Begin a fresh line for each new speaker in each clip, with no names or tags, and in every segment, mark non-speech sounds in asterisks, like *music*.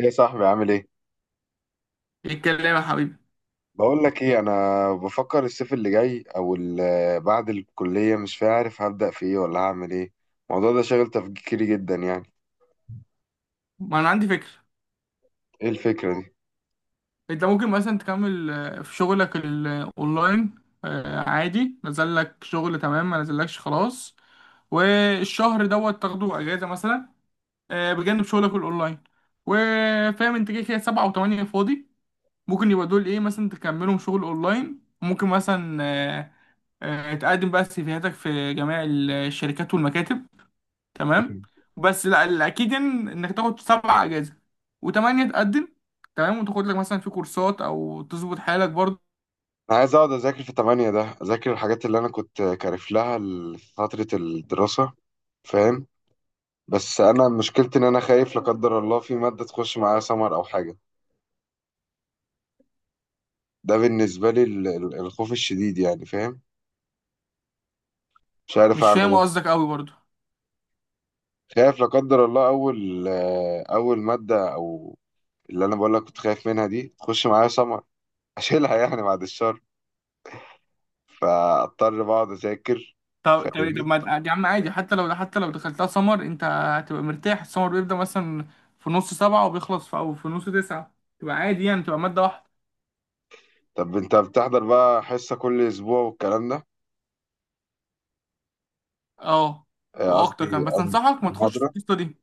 ايه يا صاحبي عامل ايه؟
ايه الكلام يا حبيبي.
بقول لك ايه، انا بفكر الصيف اللي جاي او بعد الكليه مش عارف هبدا في ايه ولا هعمل ايه. الموضوع ده شاغل تفكيري جدا يعني.
ما انا عندي فكره.
ايه الفكره دي؟
انت ممكن مثلا تكمل في شغلك الاونلاين. عادي نزل لك شغل، تمام، ما نزلكش خلاص. والشهر دوت تاخده اجازه مثلا، بجانب شغلك الاونلاين. وفاهم انت كده كده سبعة وثمانية فاضي، ممكن يبقى دول ايه مثلا، تكملهم شغل اونلاين. ممكن مثلا تقدم بقى سيفيهاتك في جميع الشركات والمكاتب، تمام.
مم.
بس لا، الاكيد انك تاخد سبع اجازه، وثمانيه تقدم، تمام، وتاخد لك مثلا في كورسات او تظبط حالك برضه.
انا عايز اقعد اذاكر في تمانية، ده اذاكر الحاجات اللي انا كنت كارف لها فتره الدراسه، فاهم. بس انا مشكلتي ان انا خايف لا قدر الله في ماده تخش معايا سمر او حاجه. ده بالنسبه لي الخوف الشديد يعني، فاهم. مش عارف
مش
اعمل
فاهم
ايه.
قصدك قوي برضه.
خايف لا قدر الله اول اول ماده، او اللي انا بقول لك كنت خايف منها دي تخش معايا سمر، اشيلها يعني، بعد الشر. فاضطر بقعد اذاكر،
طب
فاهمني.
ما يا عم عادي، حتى لو دخلتها سمر انت هتبقى مرتاح. السمر بيبدأ مثلا في نص سبعة، وبيخلص في نص تسعة، تبقى عادي يعني، تبقى مادة واحدة.
طب انت بتحضر بقى حصه كل اسبوع والكلام ده؟
اه
آه، قصدي
واكتر كمان، بس
قصدي
انصحك ما تخش في
محاضره.
القصة دي.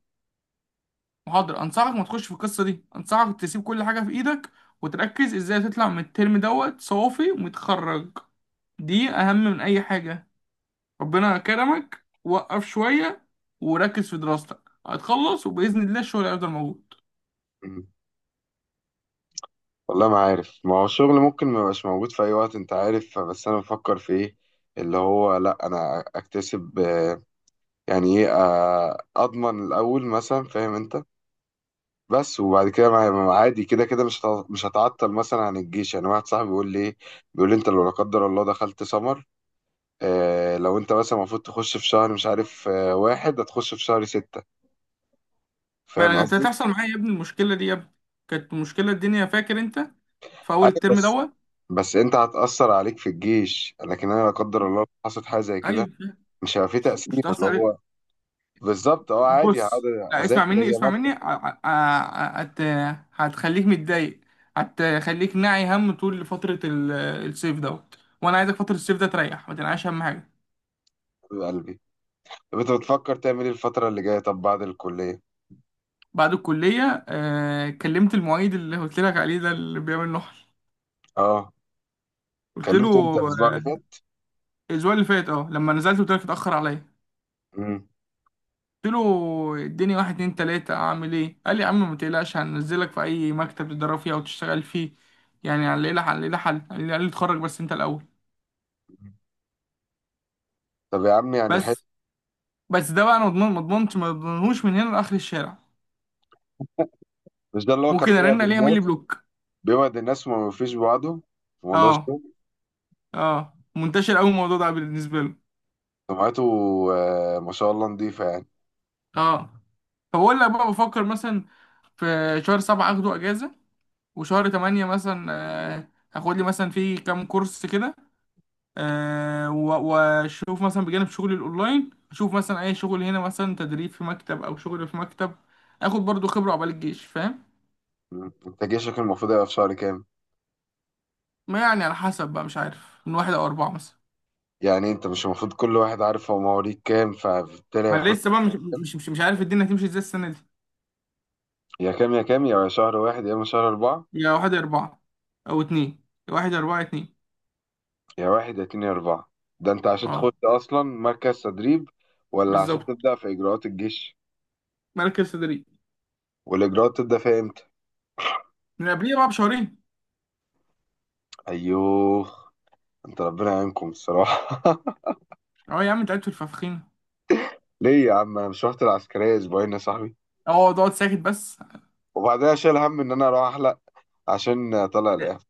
محاضرة، انصحك ما تخش في القصة دي، انصحك تسيب كل حاجة في ايدك وتركز ازاي تطلع من الترم دوت صوفي ومتخرج. دي أهم من أي حاجة. ربنا كرمك، وقف شوية وركز في دراستك، هتخلص، وبإذن الله الشغل هيفضل موجود.
مم. والله ما عارف، ما هو الشغل ممكن ما يبقاش موجود في اي وقت، انت عارف. بس انا بفكر في ايه، اللي هو لا انا اكتسب يعني ايه، اضمن الاول مثلا، فاهم انت. بس وبعد كده عادي كده كده مش هتعطل مثلا عن الجيش، يعني واحد صاحبي بيقول لي ايه، بيقول لي انت لو لا قدر الله دخلت سمر، لو انت مثلا المفروض تخش في شهر مش عارف، واحد هتخش في شهر ستة.
ما
فاهم
أنا كانت
قصدي؟
هتحصل معايا يا ابني المشكلة دي، يا ابني كانت مشكلة الدنيا، فاكر أنت، في أول
ايوه
الترم
بس،
دوت.
بس انت هتأثر عليك في الجيش، لكن انا لا قدر الله لو حصلت حاجة زي كده
أيوة.
مش هيبقى في
مش
تأثير
هتحصل
اللي
عليك.
هو. بالظبط، عادي هقعد
بص لا، اسمع
اذاكر،
مني،
هي
اسمع مني
مادة.
هتخليك متضايق، هتخليك ناعي هم طول فترة الصيف دوت، وأنا عايزك فترة الصيف ده تريح، ما تنعيش هم حاجة.
حبيب قلبي، طب انت بتفكر تعمل ايه الفترة اللي جاية؟ طب بعد الكلية؟
بعد الكلية كلمت المعيد اللي قلت لك عليه ده، اللي بيعمل نحل.
اه،
قلت له،
كلمت انت الاسبوع اللي
آه،
فات؟
الأسبوع اللي فات، اه، لما نزلت قلت لك اتأخر عليا.
مم.
قلت له اديني واحد اتنين تلاتة أعمل ايه؟ قال لي يا عم ما تقلقش، هننزلك في أي مكتب تتدرب فيه أو تشتغل فيه، يعني هنلاقي لها حل. قال لي اتخرج بس أنت الأول.
طب يا عم، يعني حلو.
بس بس ده بقى، أنا مضمون؟ ما ضمنهوش من هنا لآخر الشارع.
مش ده اللي هو كان
ممكن
بيوعد
أرن عليه يعمل لي
الناس؟
بلوك.
بيوعد الناس وما بيوفيش بوعده في موضوع
اه
الشغل.
اه، منتشر أوي الموضوع ده بالنسبة له.
سمعته ما شاء الله، نضيفة يعني.
اه، فبقول لك بقى، بفكر مثلا في شهر سبعة اخده اجازة، وشهر تمانية مثلا هاخد لي مثلا في كام كورس كده، واشوف مثلا بجانب شغلي الاونلاين، اشوف مثلا اي شغل هنا، مثلا تدريب في مكتب او شغل في مكتب، اخد برضو خبرة عقبال الجيش، فاهم.
انت جيشك المفروض يبقى في شهر كام؟
ما يعني على حسب بقى، مش عارف، من واحد او اربعة مثلا.
يعني انت مش المفروض كل واحد عارف هو مواليد كام، فبالتالي
ما
هيخش.
لسه بقى مش عارف الدنيا هتمشي ازاي السنة دي.
يا كام، يا كام، يا شهر واحد، يا اما شهر أربعة.
يا واحد يا اربعة او اتنين، يا واحد يا اربعة يا اتنين.
يا واحد، يا اتنين، يا أربعة. ده انت عشان تخش
اه
أصلا مركز تدريب ولا عشان
بالظبط،
تبدأ في إجراءات الجيش؟
مركز تدريب.
والإجراءات تبدأ فيها إمتى؟
من قبليها بقى بشهرين.
أيوه. انت ربنا يعينكم الصراحة.
اه يا عم، انت قاعد في الفخفخينة،
*laughs* ليه يا عم؟ انا مش رحت العسكرية أسبوعين يا صاحبي،
اه تقعد ساكت بس.
وبعدها شايل هم ان انا اروح احلق عشان طلع الاف.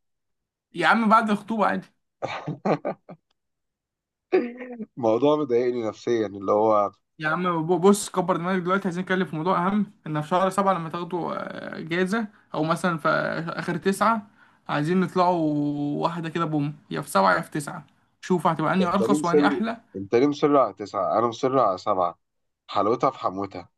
يا عم بعد الخطوبة عادي.
*laughs* الموضوع مضايقني نفسيا اللي هو.
يا عم بص، كبر دماغك، دلوقتي عايزين نتكلم في موضوع أهم. إن في شهر سبعة لما تاخدوا جايزة، أو مثلا في آخر تسعة، عايزين نطلعوا واحدة كده بوم، يا في سبعة يا في تسعة، شوف هتبقى
ده
أنهي
انت ليه
أرخص
مصر؟
وأنهي أحلى.
انت ليه مصر على تسعة، انا مصر على سبعة. حلاوتها في حموتها.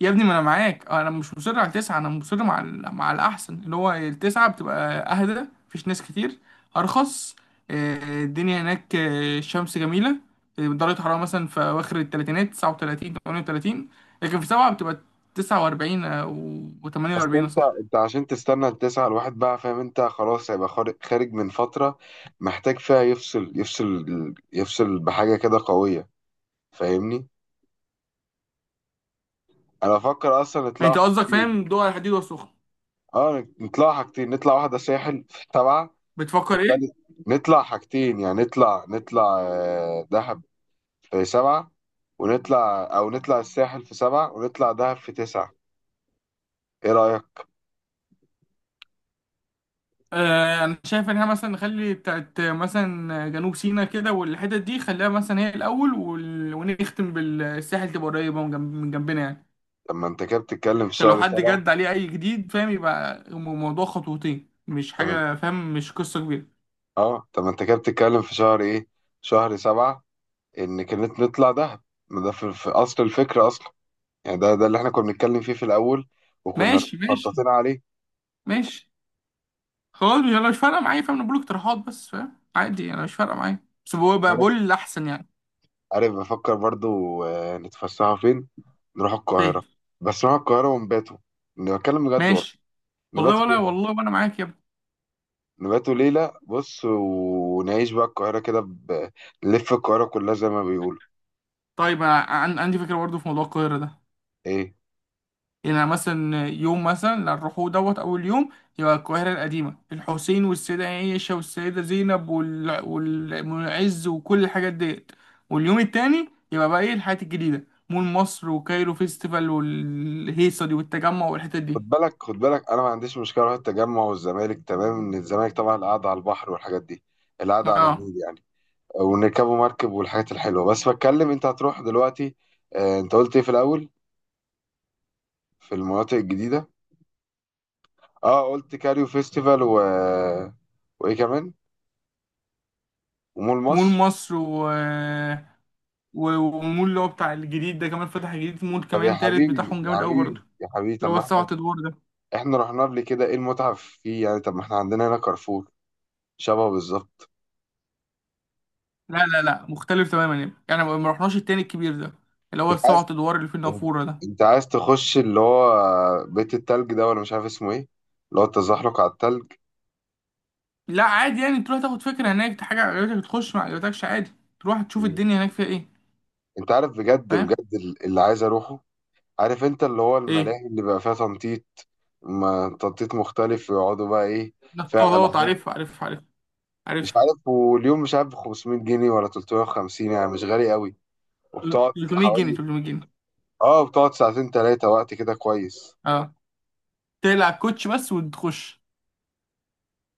يا ابني ما انا معاك، انا مش مصر على تسعة، انا مصر مع الاحسن، اللي هو التسعة بتبقى اهدى، مفيش ناس كتير، ارخص، الدنيا هناك، الشمس جميلة، درجة حرارة مثلا في اواخر التلاتينات، 39، 38، لكن في سبعة بتبقى 49 و
بس
48 يا
انت،
صاحبي.
انت عشان تستنى التسعة الواحد بقى، فاهم انت خلاص هيبقى خارج من فترة محتاج فيها يفصل، يفصل يفصل بحاجة كده قوية، فاهمني. انا بفكر اصلا
يعني
نطلع
انت قصدك،
حاجتين.
فاهم، دول على الحديد والسخن.
اه نطلع حاجتين، نطلع واحدة ساحل في سبعة،
بتفكر ايه؟
نطلع حاجتين يعني نطلع دهب في سبعة، ونطلع أو نطلع الساحل في سبعة، ونطلع دهب في تسعة. إيه رأيك؟
انا شايف ان احنا مثلا نخلي بتاعت مثلا جنوب سيناء كده والحتت دي خليها مثلا هي الاول، ونختم بالساحل، تبقى قريبه من جنبنا يعني.
طب ما أنت كده بتتكلم في
عشان لو
شهر
حد
سبعة.
جد عليه اي جديد، فاهم، يبقى الموضوع خطوتين مش
طب ما-
حاجه، فاهم، مش قصه كبيره.
طب ما أنت كده بتتكلم في شهر إيه؟ شهر سبعة. إن كانت نطلع دهب، ما ده في أصل الفكرة أصلا. يعني ده اللي إحنا كنا بنتكلم فيه في الأول، وكنا
ماشي، ماشي،
مخططين عليه.
ماشي. خلاص انا مش فارقه معايا، فاهم، انا بقول اقتراحات بس، فاهم، عادي، انا مش فارقه معايا، بس بقول
عارف،
الاحسن يعني.
عارف بفكر برضو نتفسحوا فين؟ نروح
فاهم.
القاهرة. بس نروح القاهرة ونباتوا، أنا بتكلم بجد والله.
ماشي.
نباتوا
والله، ولا
فين؟
والله، وانا معاك يا ابني.
نبات وليلة، بص ونعيش بقى القاهرة كده نلف القاهرة كلها زي ما بيقولوا.
طيب أنا عندي فكره برضه في موضوع القاهره ده،
ايه؟
يعني مثلا يوم مثلا اللي هنروحوه دوت أول يوم، يبقى القاهرة القديمة، الحسين والسيدة عائشة والسيدة زينب والمعز وكل الحاجات ديت. واليوم التاني يبقى بقى إيه، الحاجات الجديدة، مول مصر وكايرو فيستيفال والهيصة دي والتجمع والحتت دي.
خد بالك خد بالك، انا ما عنديش مشكلة اروح التجمع والزمالك، تمام ان الزمالك طبعا القعدة على البحر والحاجات دي، القعدة على
اه،
النيل يعني، ونركبوا مركب والحاجات الحلوة. بس بتكلم انت هتروح دلوقتي. انت قلت ايه في الاول؟ في المناطق الجديدة. اه، قلت كاريو فيستيفال و، وايه كمان؟ ومول
مول
مصر.
مصر و... و- ومول اللي هو بتاع الجديد ده كمان، فتح جديد، مول
طب يا
كمان تالت
حبيبي
بتاعهم
يا
جامد أوي برضه،
حبيبي يا حبيبي، طب
اللي هو
ما
السبعة
احنا،
أدوار ده.
احنا رحنا قبل كده، ايه المتعة فيه يعني؟ طب ما احنا عندنا هنا كارفور، شبهه بالظبط.
لا لا لا، مختلف تماما يعني، ما رحناش التاني الكبير ده، اللي هو
انت
السبع
عايز
ادوار اللي في
انت
النافوره ده.
أنت عايز تخش اللي هو بيت التلج ده، ولا مش عارف اسمه ايه، اللي هو التزحلق على التلج.
لا عادي يعني، تروح تاخد فكره، هناك حاجه عجبتك تخش، ما عجبتكش عادي، تروح تشوف
مم.
الدنيا هناك فيها ايه.
انت عارف بجد
فاهم.
بجد اللي عايز اروحه؟ عارف انت اللي هو
ايه،
الملاهي اللي بقى فيها تنطيط، ما تنطيط مختلف، ويقعدوا بقى ايه فيها
نطاطات،
العاب،
عارف عارف عارف
مش
عارف.
عارف، واليوم مش عارف ب 500 جنيه ولا 350، يعني مش غالي قوي. وبتقعد
300 جنيه،
حوالي،
300 جنيه.
اه بتقعد ساعتين تلاتة وقت كده كويس.
اه، تقلع الكوتش بس وتخش.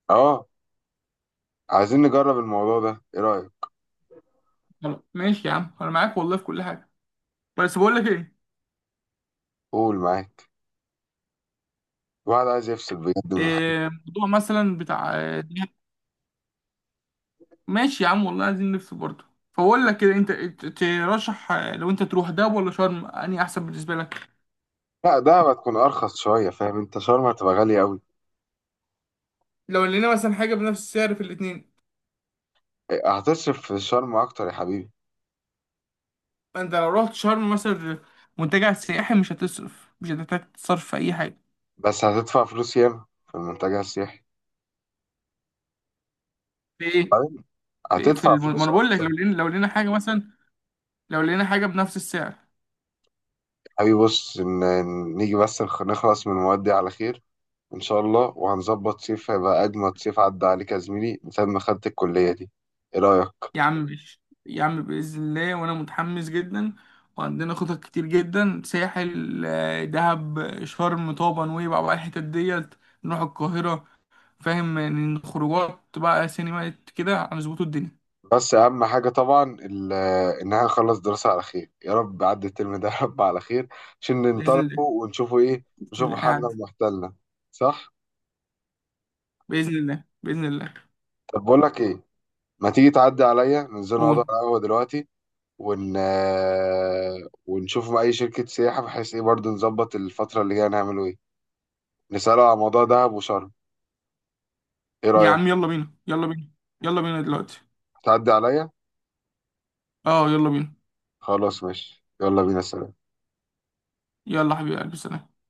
اه، عايزين نجرب الموضوع ده، ايه رأيك؟
خلاص ماشي يا عم، انا معاك والله في كل حاجه. بس بقول لك ايه،
قول معاك، واحد عايز يفصل بجد من الحاجات.
موضوع مثلا بتاع ماشي يا عم والله، عايزين نلف برضه. فبقول لك كده، انت ترشح، لو انت تروح دهب ولا شرم، انهي احسن بالنسبه لك؟
لا، ده هتكون ارخص شوية، فاهم انت شرم هتبقى غالية قوي،
لو لقينا مثلا حاجه بنفس السعر في الاتنين،
هتصرف في شرم اكتر يا حبيبي.
انت لو رحت شرم مثلا، منتجع سياحي، مش هتحتاج تصرف في اي حاجه.
بس هتدفع فلوس ياما في المنتجع السياحي.
في ايه؟
طيب، هتدفع
ما
فلوس
انا بقول لك، لو
اكتر.
لقينا حاجه مثلا، لو لقينا حاجه بنفس السعر.
يا حبيبي بص، نيجي بس نخلص من المواد دي على خير ان شاء الله، وهنظبط صيف هيبقى اجمد صيف عدى عليك يا زميلي من ساعة ما خدت الكلية دي. ايه رأيك؟
يا عم ماشي يا عم، باذن الله، وانا متحمس جدا، وعندنا خطط كتير جدا، ساحل، دهب، شرم، طابا، نويبع، بقى الحتت ديت، نروح القاهره، فاهم، يعني خروجات، بقى سينمات كده، هنظبطوا الدنيا.
بس اهم حاجه طبعا ان احنا نخلص دراسه على خير، يا رب عدي الترم ده *laughs* يا رب على خير، عشان
بإذن الله،
ننطلقوا ونشوفوا ايه،
بإذن
نشوفوا
الله
حالنا
قاعد.
ومحتلنا. صح؟
بإذن الله، بإذن الله.
طب بقول لك ايه، ما تيجي تعدي عليا، ننزل نقعد على
قول.
القهوه دلوقتي، ون ونشوف مع اي شركه سياحه بحيث ايه برضو نظبط الفتره اللي جايه نعمله ايه، نساله على موضوع دهب وشرم. ايه
يا
رايك؟
عم يلا بينا، يلا بينا، يلا بينا دلوقتي.
تعدي عليا.
اه يلا بينا.
خلاص ماشي، يلا بينا، سلام.
يلا حبيبي قلبي، سلام.